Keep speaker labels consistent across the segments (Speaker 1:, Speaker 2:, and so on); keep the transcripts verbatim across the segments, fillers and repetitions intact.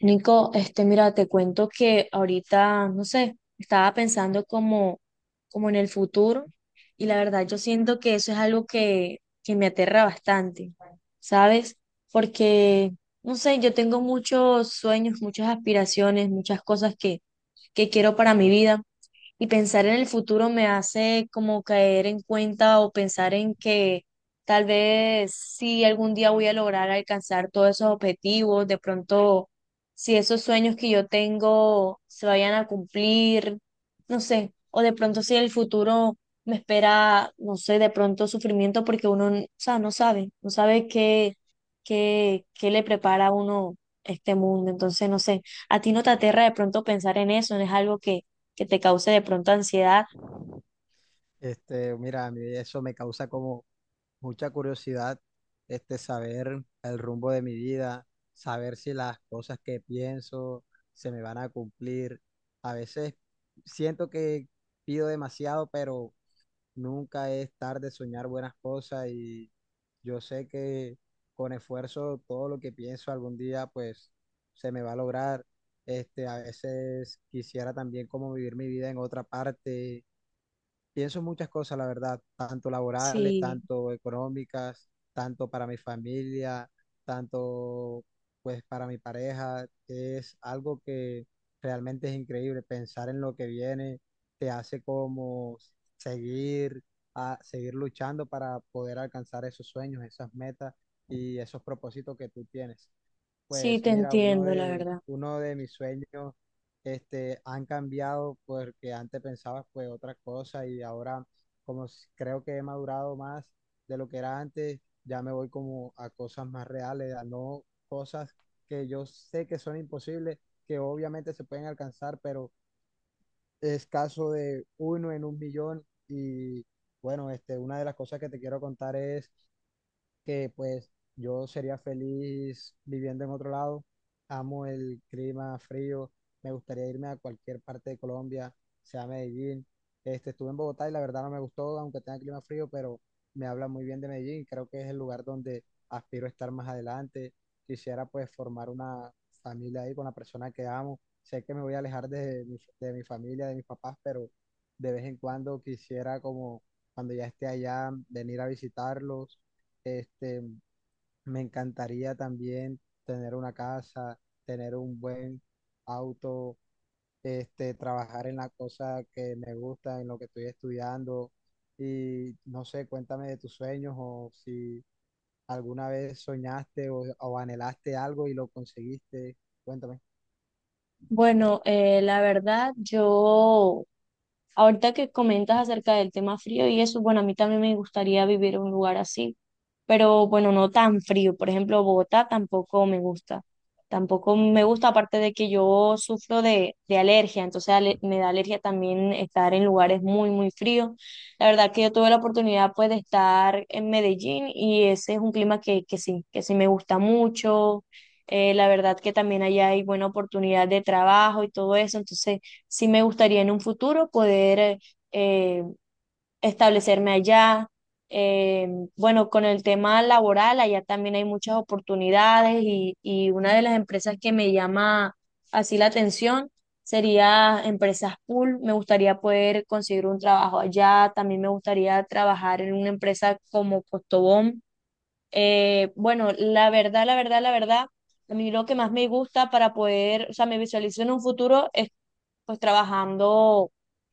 Speaker 1: Nico, este, mira, te cuento que ahorita, no sé, estaba pensando como, como en el futuro y la verdad yo siento que eso es algo que, que me aterra bastante, ¿sabes? Porque, no sé, yo tengo muchos sueños, muchas aspiraciones, muchas cosas que, que quiero para mi vida y pensar en el futuro me hace como caer en cuenta o pensar en que tal vez si algún día voy a lograr alcanzar todos esos objetivos, de pronto si esos sueños que yo tengo se vayan a cumplir, no sé, o de pronto si el futuro me espera, no sé, de pronto sufrimiento porque uno, o sea, no sabe, no sabe qué, qué, qué le prepara a uno este mundo, entonces no sé, a ti no te aterra de pronto pensar en eso, no es algo que te cause de pronto ansiedad.
Speaker 2: Este, mira, a mí eso me causa como mucha curiosidad, este, saber el rumbo de mi vida, saber si las cosas que pienso se me van a cumplir. A veces siento que pido demasiado, pero nunca es tarde soñar buenas cosas y yo sé que con esfuerzo todo lo que pienso algún día, pues, se me va a lograr. Este, a veces quisiera también como vivir mi vida en otra parte. Pienso muchas cosas, la verdad, tanto laborales,
Speaker 1: Sí,
Speaker 2: tanto económicas, tanto para mi familia, tanto pues para mi pareja. Es algo que realmente es increíble. Pensar en lo que viene te hace como seguir a seguir luchando para poder alcanzar esos sueños, esas metas y esos propósitos que tú tienes.
Speaker 1: sí,
Speaker 2: Pues
Speaker 1: te
Speaker 2: mira, uno
Speaker 1: entiendo, la
Speaker 2: de,
Speaker 1: verdad.
Speaker 2: uno de mis sueños este, han cambiado porque antes pensaba pues otra cosa y ahora como s- creo que he madurado más de lo que era antes, ya me voy como a cosas más reales, a no cosas que yo sé que son imposibles, que obviamente se pueden alcanzar, pero es caso de uno en un millón y bueno, este, una de las cosas que te quiero contar es que pues yo sería feliz viviendo en otro lado. Amo el clima frío, me gustaría irme a cualquier parte de Colombia, sea Medellín. Este, estuve en Bogotá y la verdad no me gustó, aunque tenga clima frío, pero me habla muy bien de Medellín. Creo que es el lugar donde aspiro a estar más adelante. Quisiera pues formar una familia ahí con la persona que amo. Sé que me voy a alejar de mi, de mi familia, de mis papás, pero de vez en cuando quisiera como cuando ya esté allá, venir a visitarlos. este, Me encantaría también tener una casa, tener un buen auto, este, trabajar en la cosa que me gusta, en lo que estoy estudiando. Y no sé, cuéntame de tus sueños o si alguna vez soñaste o, o anhelaste algo y lo conseguiste. Cuéntame.
Speaker 1: Bueno, eh, la verdad, yo, ahorita que comentas acerca del tema frío y eso, bueno, a mí también me gustaría vivir en un lugar así, pero bueno, no tan frío. Por ejemplo, Bogotá tampoco me gusta. Tampoco me gusta, aparte de que yo sufro de, de alergia, entonces ale- me da alergia también estar en lugares muy, muy fríos. La verdad que yo tuve la oportunidad pues de estar en Medellín y ese es un clima que, que sí, que sí me gusta mucho. Eh, la verdad que también allá hay buena oportunidad de trabajo y todo eso, entonces sí me gustaría en un futuro poder eh, eh, establecerme allá. Eh, bueno, con el tema laboral, allá también hay muchas oportunidades y, y una de las empresas que me llama así la atención sería Empresas Pool. Me gustaría poder conseguir un trabajo allá, también me gustaría trabajar en una empresa como Costobón. Eh, bueno, la verdad, la verdad, la verdad, a mí lo que más me gusta para poder, o sea, me visualizo en un futuro es pues trabajando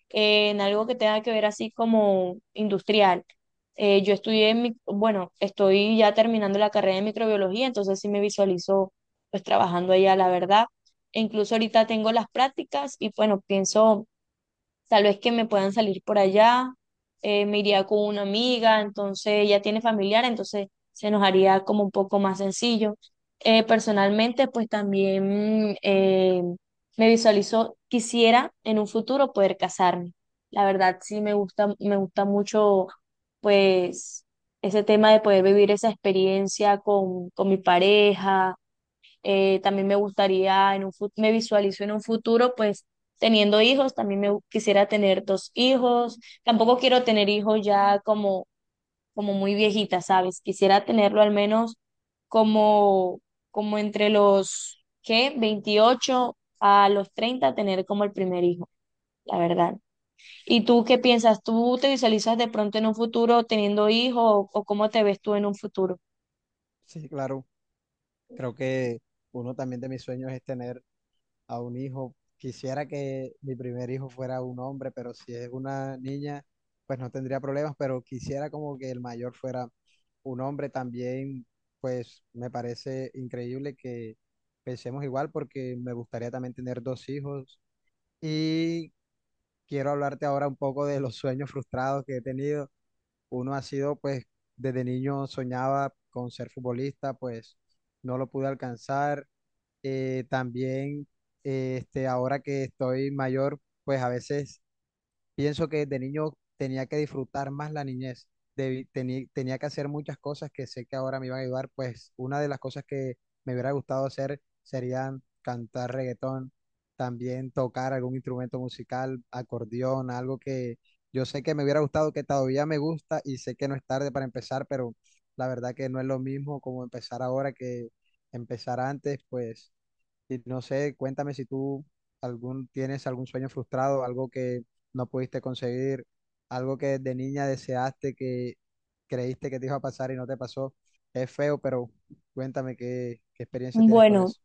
Speaker 1: eh, en algo que tenga que ver así como industrial. Eh, yo estudié, mi- bueno, estoy ya terminando la carrera de microbiología, entonces sí me visualizo pues trabajando allá, la verdad. E incluso ahorita tengo las prácticas y bueno, pienso tal vez que me puedan salir por allá, eh, me iría con una amiga, entonces ella tiene familiar, entonces se nos haría como un poco más sencillo. Eh, personalmente, pues también eh, me visualizo, quisiera en un futuro poder casarme. La verdad, sí me gusta, me gusta mucho, pues, ese tema de poder vivir esa experiencia con, con mi pareja. Eh, también me gustaría, en un, fut me visualizo en un futuro, pues teniendo hijos, también me gu- quisiera tener dos hijos. Tampoco quiero tener hijos ya como, como muy viejita, ¿sabes? Quisiera tenerlo al menos como, como entre los, ¿qué? veintiocho a los treinta, tener como el primer hijo, la verdad. ¿Y tú qué piensas? ¿Tú te visualizas de pronto en un futuro teniendo hijos o, o cómo te ves tú en un futuro?
Speaker 2: Sí, claro. Creo que uno también de mis sueños es tener a un hijo. Quisiera que mi primer hijo fuera un hombre, pero si es una niña, pues no tendría problemas, pero quisiera como que el mayor fuera un hombre también, pues me parece increíble que pensemos igual porque me gustaría también tener dos hijos y quiero hablarte ahora un poco de los sueños frustrados que he tenido. Uno ha sido, pues, desde niño soñaba con ser futbolista, pues no lo pude alcanzar. Eh, también, eh, este, ahora que estoy mayor, pues a veces pienso que de niño tenía que disfrutar más la niñez, debí- teni- tenía que hacer muchas cosas que sé que ahora me iban a ayudar, pues una de las cosas que me hubiera gustado hacer serían cantar reggaetón, también tocar algún instrumento musical, acordeón, algo que yo sé que me hubiera gustado, que todavía me gusta y sé que no es tarde para empezar, pero la verdad que no es lo mismo como empezar ahora que empezar antes, pues y no sé, cuéntame si tú algún, tienes algún sueño frustrado, algo que no pudiste conseguir, algo que de niña deseaste que creíste que te iba a pasar y no te pasó. Es feo, pero cuéntame qué, qué experiencia tienes con
Speaker 1: Bueno,
Speaker 2: eso.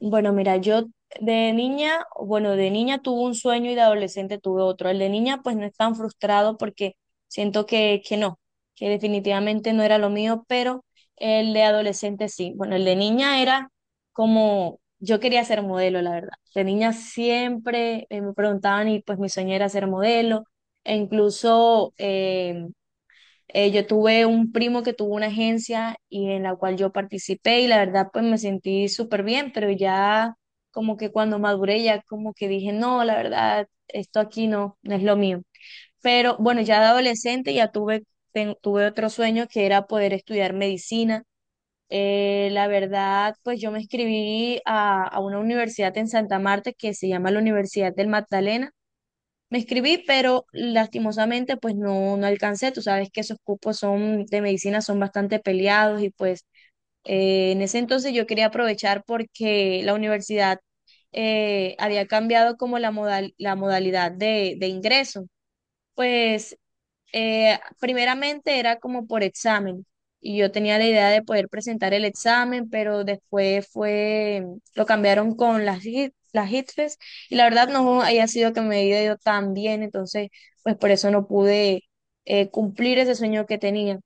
Speaker 1: Bueno, mira, yo de niña, bueno, de niña tuve un sueño y de adolescente tuve otro. El de niña, pues no es tan frustrado porque siento que, que no, que definitivamente no era lo mío, pero el de adolescente sí. Bueno, el de niña era como, yo quería ser modelo, la verdad. De niña siempre eh, me preguntaban y pues mi sueño era ser modelo. E incluso, eh, eh, yo tuve un primo que tuvo una agencia y en la cual yo participé y la verdad pues me sentí súper bien, pero ya como que cuando maduré ya como que dije, no, la verdad, esto aquí no, no es lo mío. Pero bueno, ya de adolescente ya tuve, ten- tuve otro sueño que era poder estudiar medicina. Eh, la verdad, pues yo me inscribí a, a una universidad en Santa Marta que se llama la Universidad del Magdalena, me inscribí, pero lastimosamente pues no, no alcancé. Tú sabes que esos cupos son de medicina son bastante peleados y pues eh, en ese entonces yo quería aprovechar porque la universidad eh, había cambiado como la modal- la modalidad de, de ingreso. Pues eh, primeramente era como por examen y yo tenía la idea de poder presentar el examen, pero después fue, lo cambiaron con las, hit- las hitres y la verdad no haya sido que me haya ido tan bien, entonces pues por eso no pude eh, cumplir ese sueño que tenía.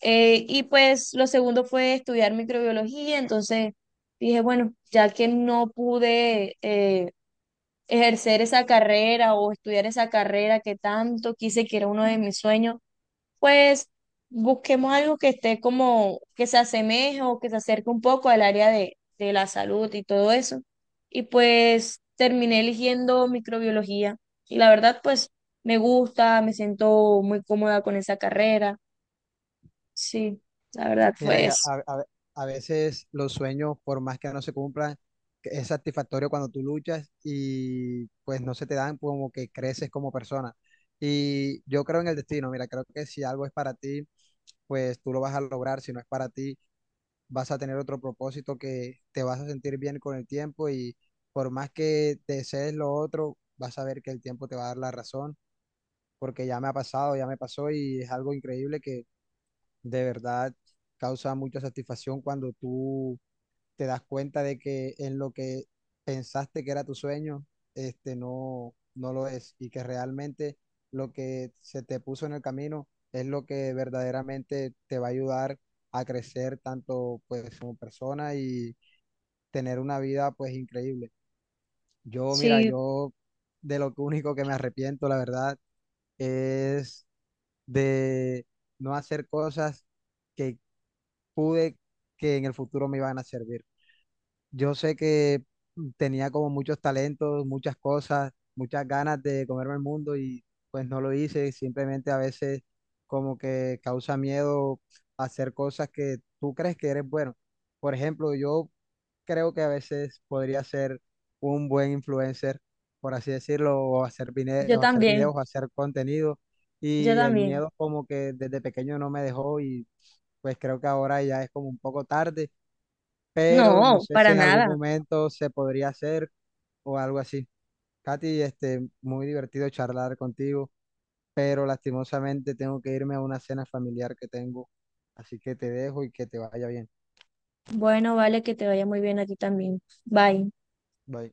Speaker 1: Eh, y pues lo segundo fue estudiar microbiología, entonces dije, bueno, ya que no pude... eh, ejercer esa carrera o estudiar esa carrera que tanto quise, que era uno de mis sueños, pues busquemos algo que esté como, que se asemeje o que se acerque un poco al área de, de la salud y todo eso. Y pues terminé eligiendo microbiología. Y la verdad, pues me gusta, me siento muy cómoda con esa carrera. Sí, la verdad
Speaker 2: Mira,
Speaker 1: fue
Speaker 2: ya,
Speaker 1: eso.
Speaker 2: a, a- a veces los sueños, por más que no se cumplan, que es satisfactorio cuando tú luchas y pues no se te dan como que creces como persona. Y yo creo en el destino, mira, creo que si algo es para ti, pues tú lo vas a lograr, si no es para ti vas a tener otro propósito que te vas a sentir bien con el tiempo y por más que desees lo otro, vas a ver que el tiempo te va a dar la razón, porque ya me ha pasado, ya me pasó y es algo increíble que de verdad causa mucha satisfacción cuando tú te das cuenta de que en lo que pensaste que era tu sueño, este no, no lo es y que realmente lo que se te puso en el camino es lo que verdaderamente te va a ayudar a crecer tanto pues como persona y tener una vida pues increíble. Yo, mira,
Speaker 1: Sí,
Speaker 2: yo de lo que único que me arrepiento, la verdad, es de no hacer cosas que pude que en el futuro me iban a servir. Yo sé que tenía como muchos talentos, muchas cosas, muchas ganas de comerme el mundo y pues no lo hice. Simplemente a veces como que causa miedo hacer cosas que tú crees que eres bueno. Por ejemplo, yo creo que a veces podría ser un buen influencer, por así decirlo, o hacer, vine-
Speaker 1: yo
Speaker 2: o hacer
Speaker 1: también,
Speaker 2: videos, o hacer contenido.
Speaker 1: yo
Speaker 2: Y el
Speaker 1: también.
Speaker 2: miedo como que desde pequeño no me dejó y pues creo que ahora ya es como un poco tarde pero no
Speaker 1: No,
Speaker 2: sé si
Speaker 1: para
Speaker 2: en algún
Speaker 1: nada.
Speaker 2: momento se podría hacer o algo así. Katy, este, muy divertido charlar contigo, pero lastimosamente tengo que irme a una cena familiar que tengo, así que te dejo y que te vaya bien.
Speaker 1: Bueno, vale, que te vaya muy bien a ti también. Bye.
Speaker 2: Bye.